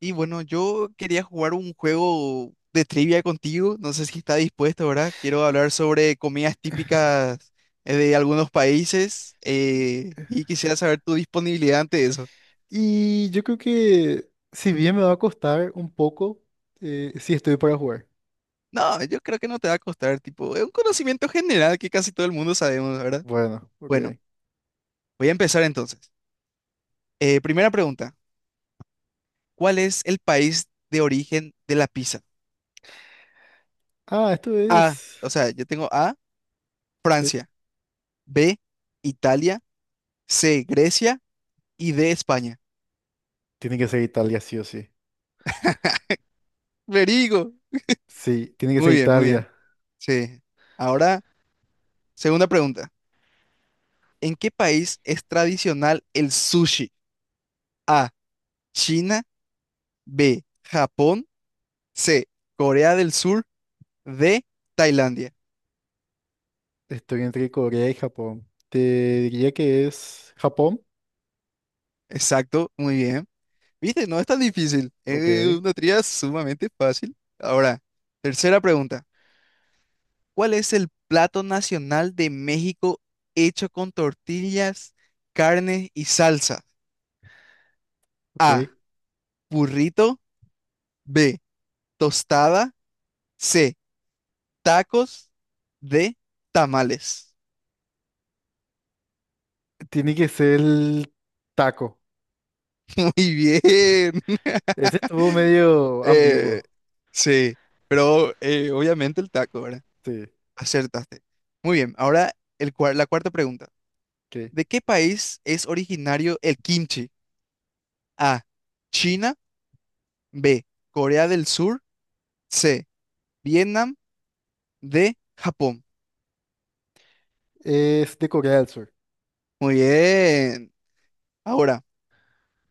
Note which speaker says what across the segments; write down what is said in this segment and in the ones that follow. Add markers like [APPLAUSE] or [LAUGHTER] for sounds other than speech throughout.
Speaker 1: Y bueno, yo quería jugar un juego de trivia contigo. No sé si está dispuesto, ¿verdad? Quiero hablar sobre comidas típicas de algunos países y quisiera saber tu disponibilidad ante eso.
Speaker 2: Y yo creo que si bien me va a costar un poco, sí estoy para jugar.
Speaker 1: No, yo creo que no te va a costar, tipo, es un conocimiento general que casi todo el mundo sabemos, ¿verdad?
Speaker 2: Bueno, ok.
Speaker 1: Bueno, voy a empezar entonces. Primera pregunta, ¿cuál es el país de origen de la pizza?
Speaker 2: Ah, esto
Speaker 1: A,
Speaker 2: es...
Speaker 1: o sea, yo tengo A,
Speaker 2: sí,
Speaker 1: Francia, B, Italia, C, Grecia y D, España.
Speaker 2: tiene que ser Italia, sí o sí.
Speaker 1: Verigo.
Speaker 2: Sí, tiene que ser
Speaker 1: Muy bien, muy bien.
Speaker 2: Italia.
Speaker 1: Sí. Ahora, segunda pregunta. ¿En qué país es tradicional el sushi? A, China, B, Japón, C, Corea del Sur, D, Tailandia.
Speaker 2: Estoy entre Corea y Japón. Te diría que es Japón.
Speaker 1: Exacto, muy bien. ¿Viste? No es tan difícil.
Speaker 2: Ok,
Speaker 1: Es una tría sumamente fácil. Ahora, tercera pregunta. ¿Cuál es el plato nacional de México hecho con tortillas, carne y salsa?
Speaker 2: ok.
Speaker 1: A, burrito, B, tostada. C, tacos. D, tamales.
Speaker 2: Tiene que ser el taco.
Speaker 1: [LAUGHS] Muy bien.
Speaker 2: Ese
Speaker 1: [LAUGHS]
Speaker 2: estuvo medio
Speaker 1: Eh,
Speaker 2: ambiguo.
Speaker 1: sí, pero obviamente el taco, ¿verdad?
Speaker 2: Sí,
Speaker 1: Acertaste. Muy bien, ahora la cuarta pregunta.
Speaker 2: ok.
Speaker 1: ¿De qué país es originario el kimchi? A, China, B, Corea del Sur, C, Vietnam, D, Japón.
Speaker 2: Es de Corea del Sur.
Speaker 1: Muy bien. Ahora,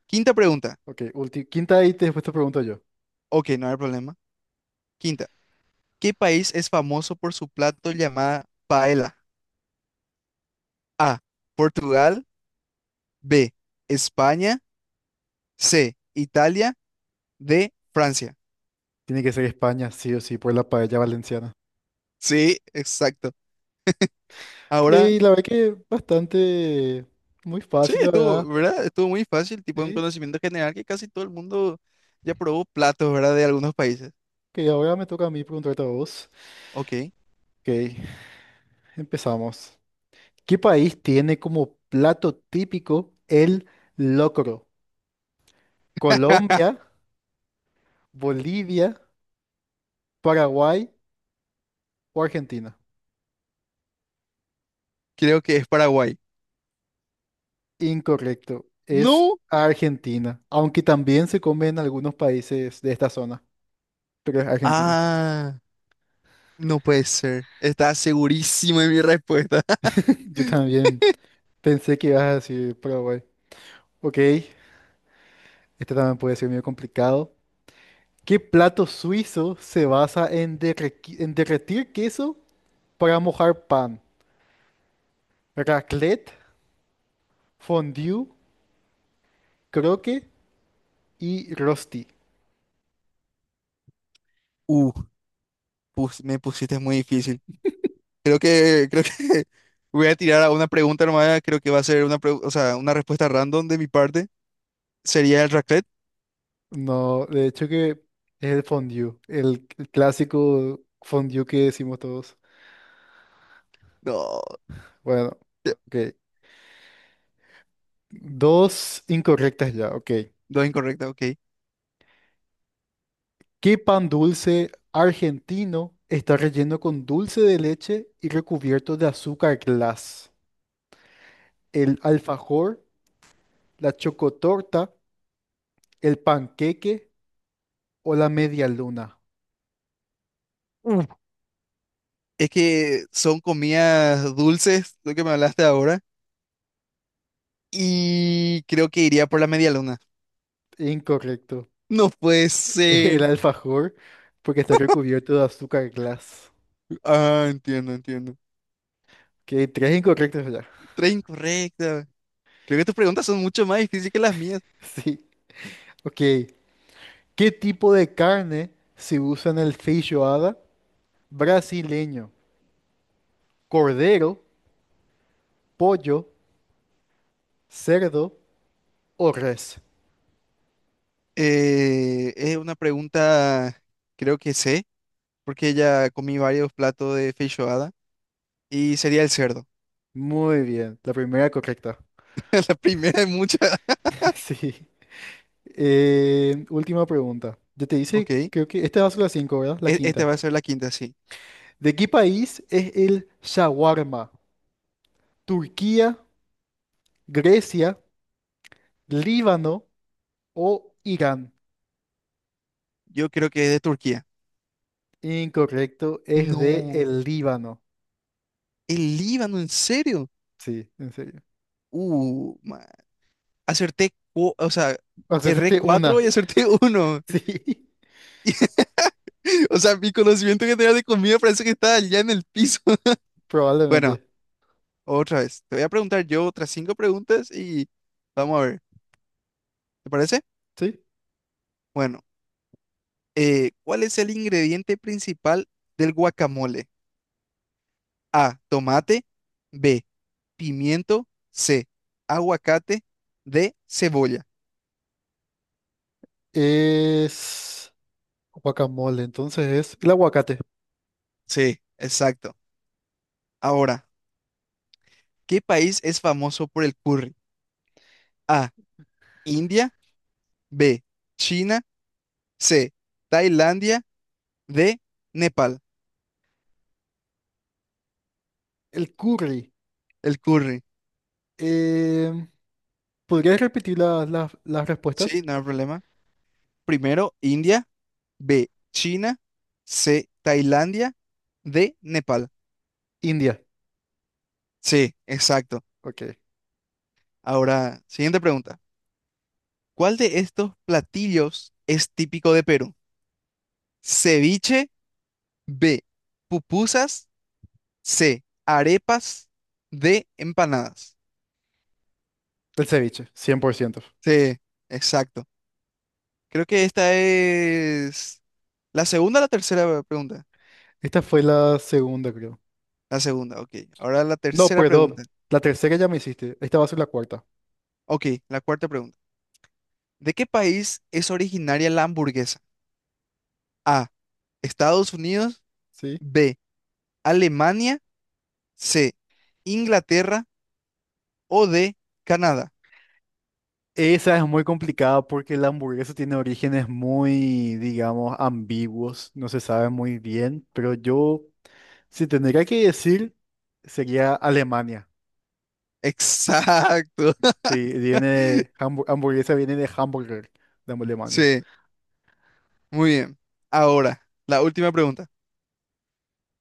Speaker 1: quinta pregunta.
Speaker 2: Ok, quinta y después te pregunto yo.
Speaker 1: Ok, no hay problema. Quinta. ¿Qué país es famoso por su plato llamada paella? A, Portugal. B, España. C, Italia. D, Francia.
Speaker 2: Tiene que ser España, sí o sí, por la paella valenciana.
Speaker 1: Sí, exacto. Ahora,
Speaker 2: Y la verdad que bastante, muy
Speaker 1: sí,
Speaker 2: fácil, la
Speaker 1: estuvo,
Speaker 2: verdad.
Speaker 1: ¿verdad? Estuvo muy fácil, tipo un
Speaker 2: Sí,
Speaker 1: conocimiento general que casi todo el mundo ya probó platos, ¿verdad? De algunos países.
Speaker 2: que ahora me toca a mí preguntarte a vos.
Speaker 1: Ok.
Speaker 2: Ok, empezamos. ¿Qué país tiene como plato típico el locro? ¿Colombia,
Speaker 1: [LAUGHS]
Speaker 2: Bolivia, Paraguay o Argentina?
Speaker 1: Creo que es Paraguay.
Speaker 2: Incorrecto, es
Speaker 1: No.
Speaker 2: Argentina, aunque también se come en algunos países de esta zona, pero es Argentina.
Speaker 1: Ah. No puede ser. Estaba segurísimo de mi respuesta.
Speaker 2: [LAUGHS] Yo también
Speaker 1: [LAUGHS]
Speaker 2: pensé que ibas a decir Paraguay. Ok, este también puede ser medio complicado. ¿Qué plato suizo se basa en, en derretir queso para mojar pan? Raclette, fondue, croque y rosti.
Speaker 1: Uh, Me pusiste muy difícil. Creo que [LAUGHS] voy a tirar a una pregunta nomás. Creo que va a ser o sea, una respuesta random de mi parte. ¿Sería el raclette?
Speaker 2: No, de hecho que es el fondue, el clásico fondue que decimos todos.
Speaker 1: No,
Speaker 2: Bueno, ok. Dos incorrectas ya, ok.
Speaker 1: dos incorrecta, ok.
Speaker 2: ¿Qué pan dulce argentino está relleno con dulce de leche y recubierto de azúcar glass? ¿El alfajor, la chocotorta? ¿El panqueque o la media luna?
Speaker 1: Es que son comidas dulces, lo que me hablaste ahora, y creo que iría por la media luna.
Speaker 2: Incorrecto.
Speaker 1: No puede
Speaker 2: [LAUGHS] El
Speaker 1: ser.
Speaker 2: alfajor, porque está recubierto de azúcar glass.
Speaker 1: Ah, entiendo, entiendo.
Speaker 2: Que tres incorrectos ya.
Speaker 1: Tres incorrecta. Creo que tus preguntas son mucho más difíciles que las mías.
Speaker 2: [LAUGHS] Sí. Ok. ¿Qué tipo de carne se usa en el feijoada brasileño? ¿Cordero, pollo, cerdo o res?
Speaker 1: Es una pregunta, creo que sé, porque ya comí varios platos de feijoada, y sería el cerdo.
Speaker 2: Muy bien. La primera correcta.
Speaker 1: [LAUGHS] La primera de muchas.
Speaker 2: [LAUGHS] Sí. Última pregunta. Yo te
Speaker 1: Ok,
Speaker 2: hice,
Speaker 1: e-
Speaker 2: creo que esta va a ser la cinco, ¿verdad? La
Speaker 1: Esta
Speaker 2: quinta.
Speaker 1: va a ser la quinta, sí.
Speaker 2: ¿De qué país es el shawarma? Turquía, Grecia, Líbano o Irán.
Speaker 1: Yo creo que es de Turquía.
Speaker 2: Incorrecto, es de
Speaker 1: No,
Speaker 2: el Líbano.
Speaker 1: el Líbano, ¿en serio?
Speaker 2: Sí, en serio.
Speaker 1: Uh, Acerté, o sea,
Speaker 2: O sea,
Speaker 1: erré
Speaker 2: este
Speaker 1: cuatro
Speaker 2: una.
Speaker 1: y
Speaker 2: [LAUGHS]
Speaker 1: acerté uno.
Speaker 2: Sí,
Speaker 1: [LAUGHS] O sea, mi conocimiento general de comida parece que está allá en el piso. [LAUGHS] Bueno,
Speaker 2: probablemente.
Speaker 1: otra vez. Te voy a preguntar yo otras cinco preguntas y vamos a ver. ¿Te parece?
Speaker 2: Sí.
Speaker 1: Bueno, ¿cuál es el ingrediente principal del guacamole? A, tomate. B, pimiento. C, aguacate. D, cebolla.
Speaker 2: Es guacamole, entonces es el aguacate.
Speaker 1: Sí, exacto. Ahora, ¿qué país es famoso por el curry? A, India. B, China, C, Tailandia, D, Nepal.
Speaker 2: El curry.
Speaker 1: El curry.
Speaker 2: Em, ¿Podrías repetir las respuestas?
Speaker 1: Sí, no hay problema. Primero, India, B, China, C, Tailandia, D, Nepal.
Speaker 2: India.
Speaker 1: Sí, exacto.
Speaker 2: Ok.
Speaker 1: Ahora, siguiente pregunta. ¿Cuál de estos platillos es típico de Perú? Ceviche, B, pupusas, C, arepas, D, empanadas.
Speaker 2: El ceviche, 100%.
Speaker 1: Sí, exacto. Creo que esta es la segunda o la tercera pregunta.
Speaker 2: Esta fue la segunda, creo.
Speaker 1: La segunda, ok. Ahora la
Speaker 2: No,
Speaker 1: tercera
Speaker 2: perdón.
Speaker 1: pregunta.
Speaker 2: La tercera ya me hiciste. Esta va a ser la cuarta.
Speaker 1: Ok, la cuarta pregunta. ¿De qué país es originaria la hamburguesa? A, Estados Unidos,
Speaker 2: ¿Sí?
Speaker 1: B, Alemania, C, Inglaterra o D, Canadá.
Speaker 2: Esa es muy complicada porque la hamburguesa tiene orígenes muy, digamos, ambiguos, no se sabe muy bien, pero yo, si tendría que decir, sería Alemania.
Speaker 1: Exacto. [LAUGHS]
Speaker 2: Sí, viene, hamburguesa viene de hamburger, de Alemania.
Speaker 1: Sí, muy bien. Ahora, la última pregunta.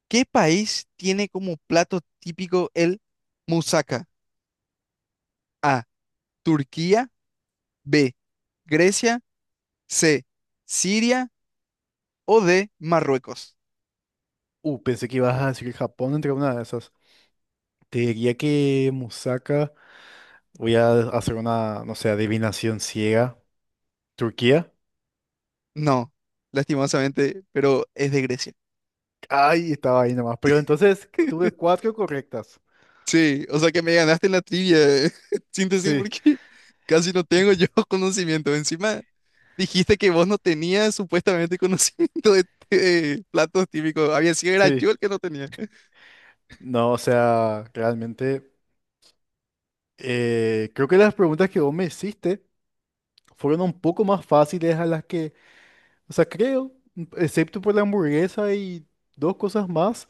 Speaker 1: ¿Qué país tiene como plato típico el moussaka? A, Turquía, B, Grecia, C, Siria o D, Marruecos.
Speaker 2: Pensé que ibas a decir Japón entre una de esas. Te diría que Musaka, voy a hacer una, no sé, adivinación ciega. Turquía.
Speaker 1: No, lastimosamente, pero es de Grecia.
Speaker 2: Ay, estaba ahí nomás, pero entonces tuve
Speaker 1: [LAUGHS]
Speaker 2: cuatro correctas.
Speaker 1: Sí, o sea que me ganaste en la trivia, [LAUGHS] síntesis,
Speaker 2: Sí,
Speaker 1: porque casi no tengo yo [LAUGHS] conocimiento. Encima dijiste que vos no tenías supuestamente [LAUGHS] conocimiento de platos típicos. Había sido era
Speaker 2: sí.
Speaker 1: yo el que no tenía.
Speaker 2: No, o sea, realmente creo que las preguntas que vos me hiciste fueron un poco más fáciles a las que, o sea, creo, excepto por la hamburguesa y dos cosas más,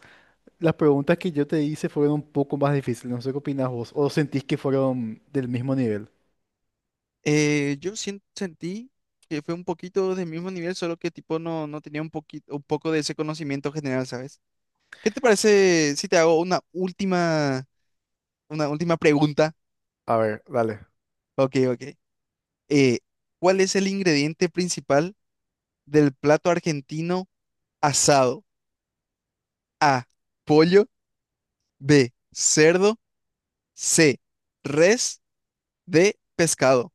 Speaker 2: las preguntas que yo te hice fueron un poco más difíciles. No sé qué opinás vos, o sentís que fueron del mismo nivel.
Speaker 1: Yo sentí que fue un poquito del mismo nivel, solo que tipo no, no tenía un poquito, un poco de ese conocimiento general, ¿sabes? ¿Qué te parece si te hago una última pregunta?
Speaker 2: A ver, dale,
Speaker 1: Ok, ok. eh, ¿Cuál es el ingrediente principal del plato argentino asado? A, pollo, B, cerdo, C, res, D, pescado.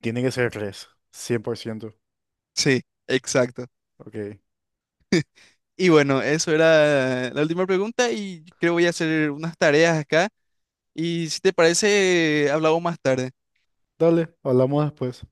Speaker 2: tiene que ser tres, 100%.
Speaker 1: Sí, exacto.
Speaker 2: Ok,
Speaker 1: Y bueno, eso era la última pregunta y creo voy a hacer unas tareas acá. Y si te parece, hablamos más tarde.
Speaker 2: dale, hablamos después.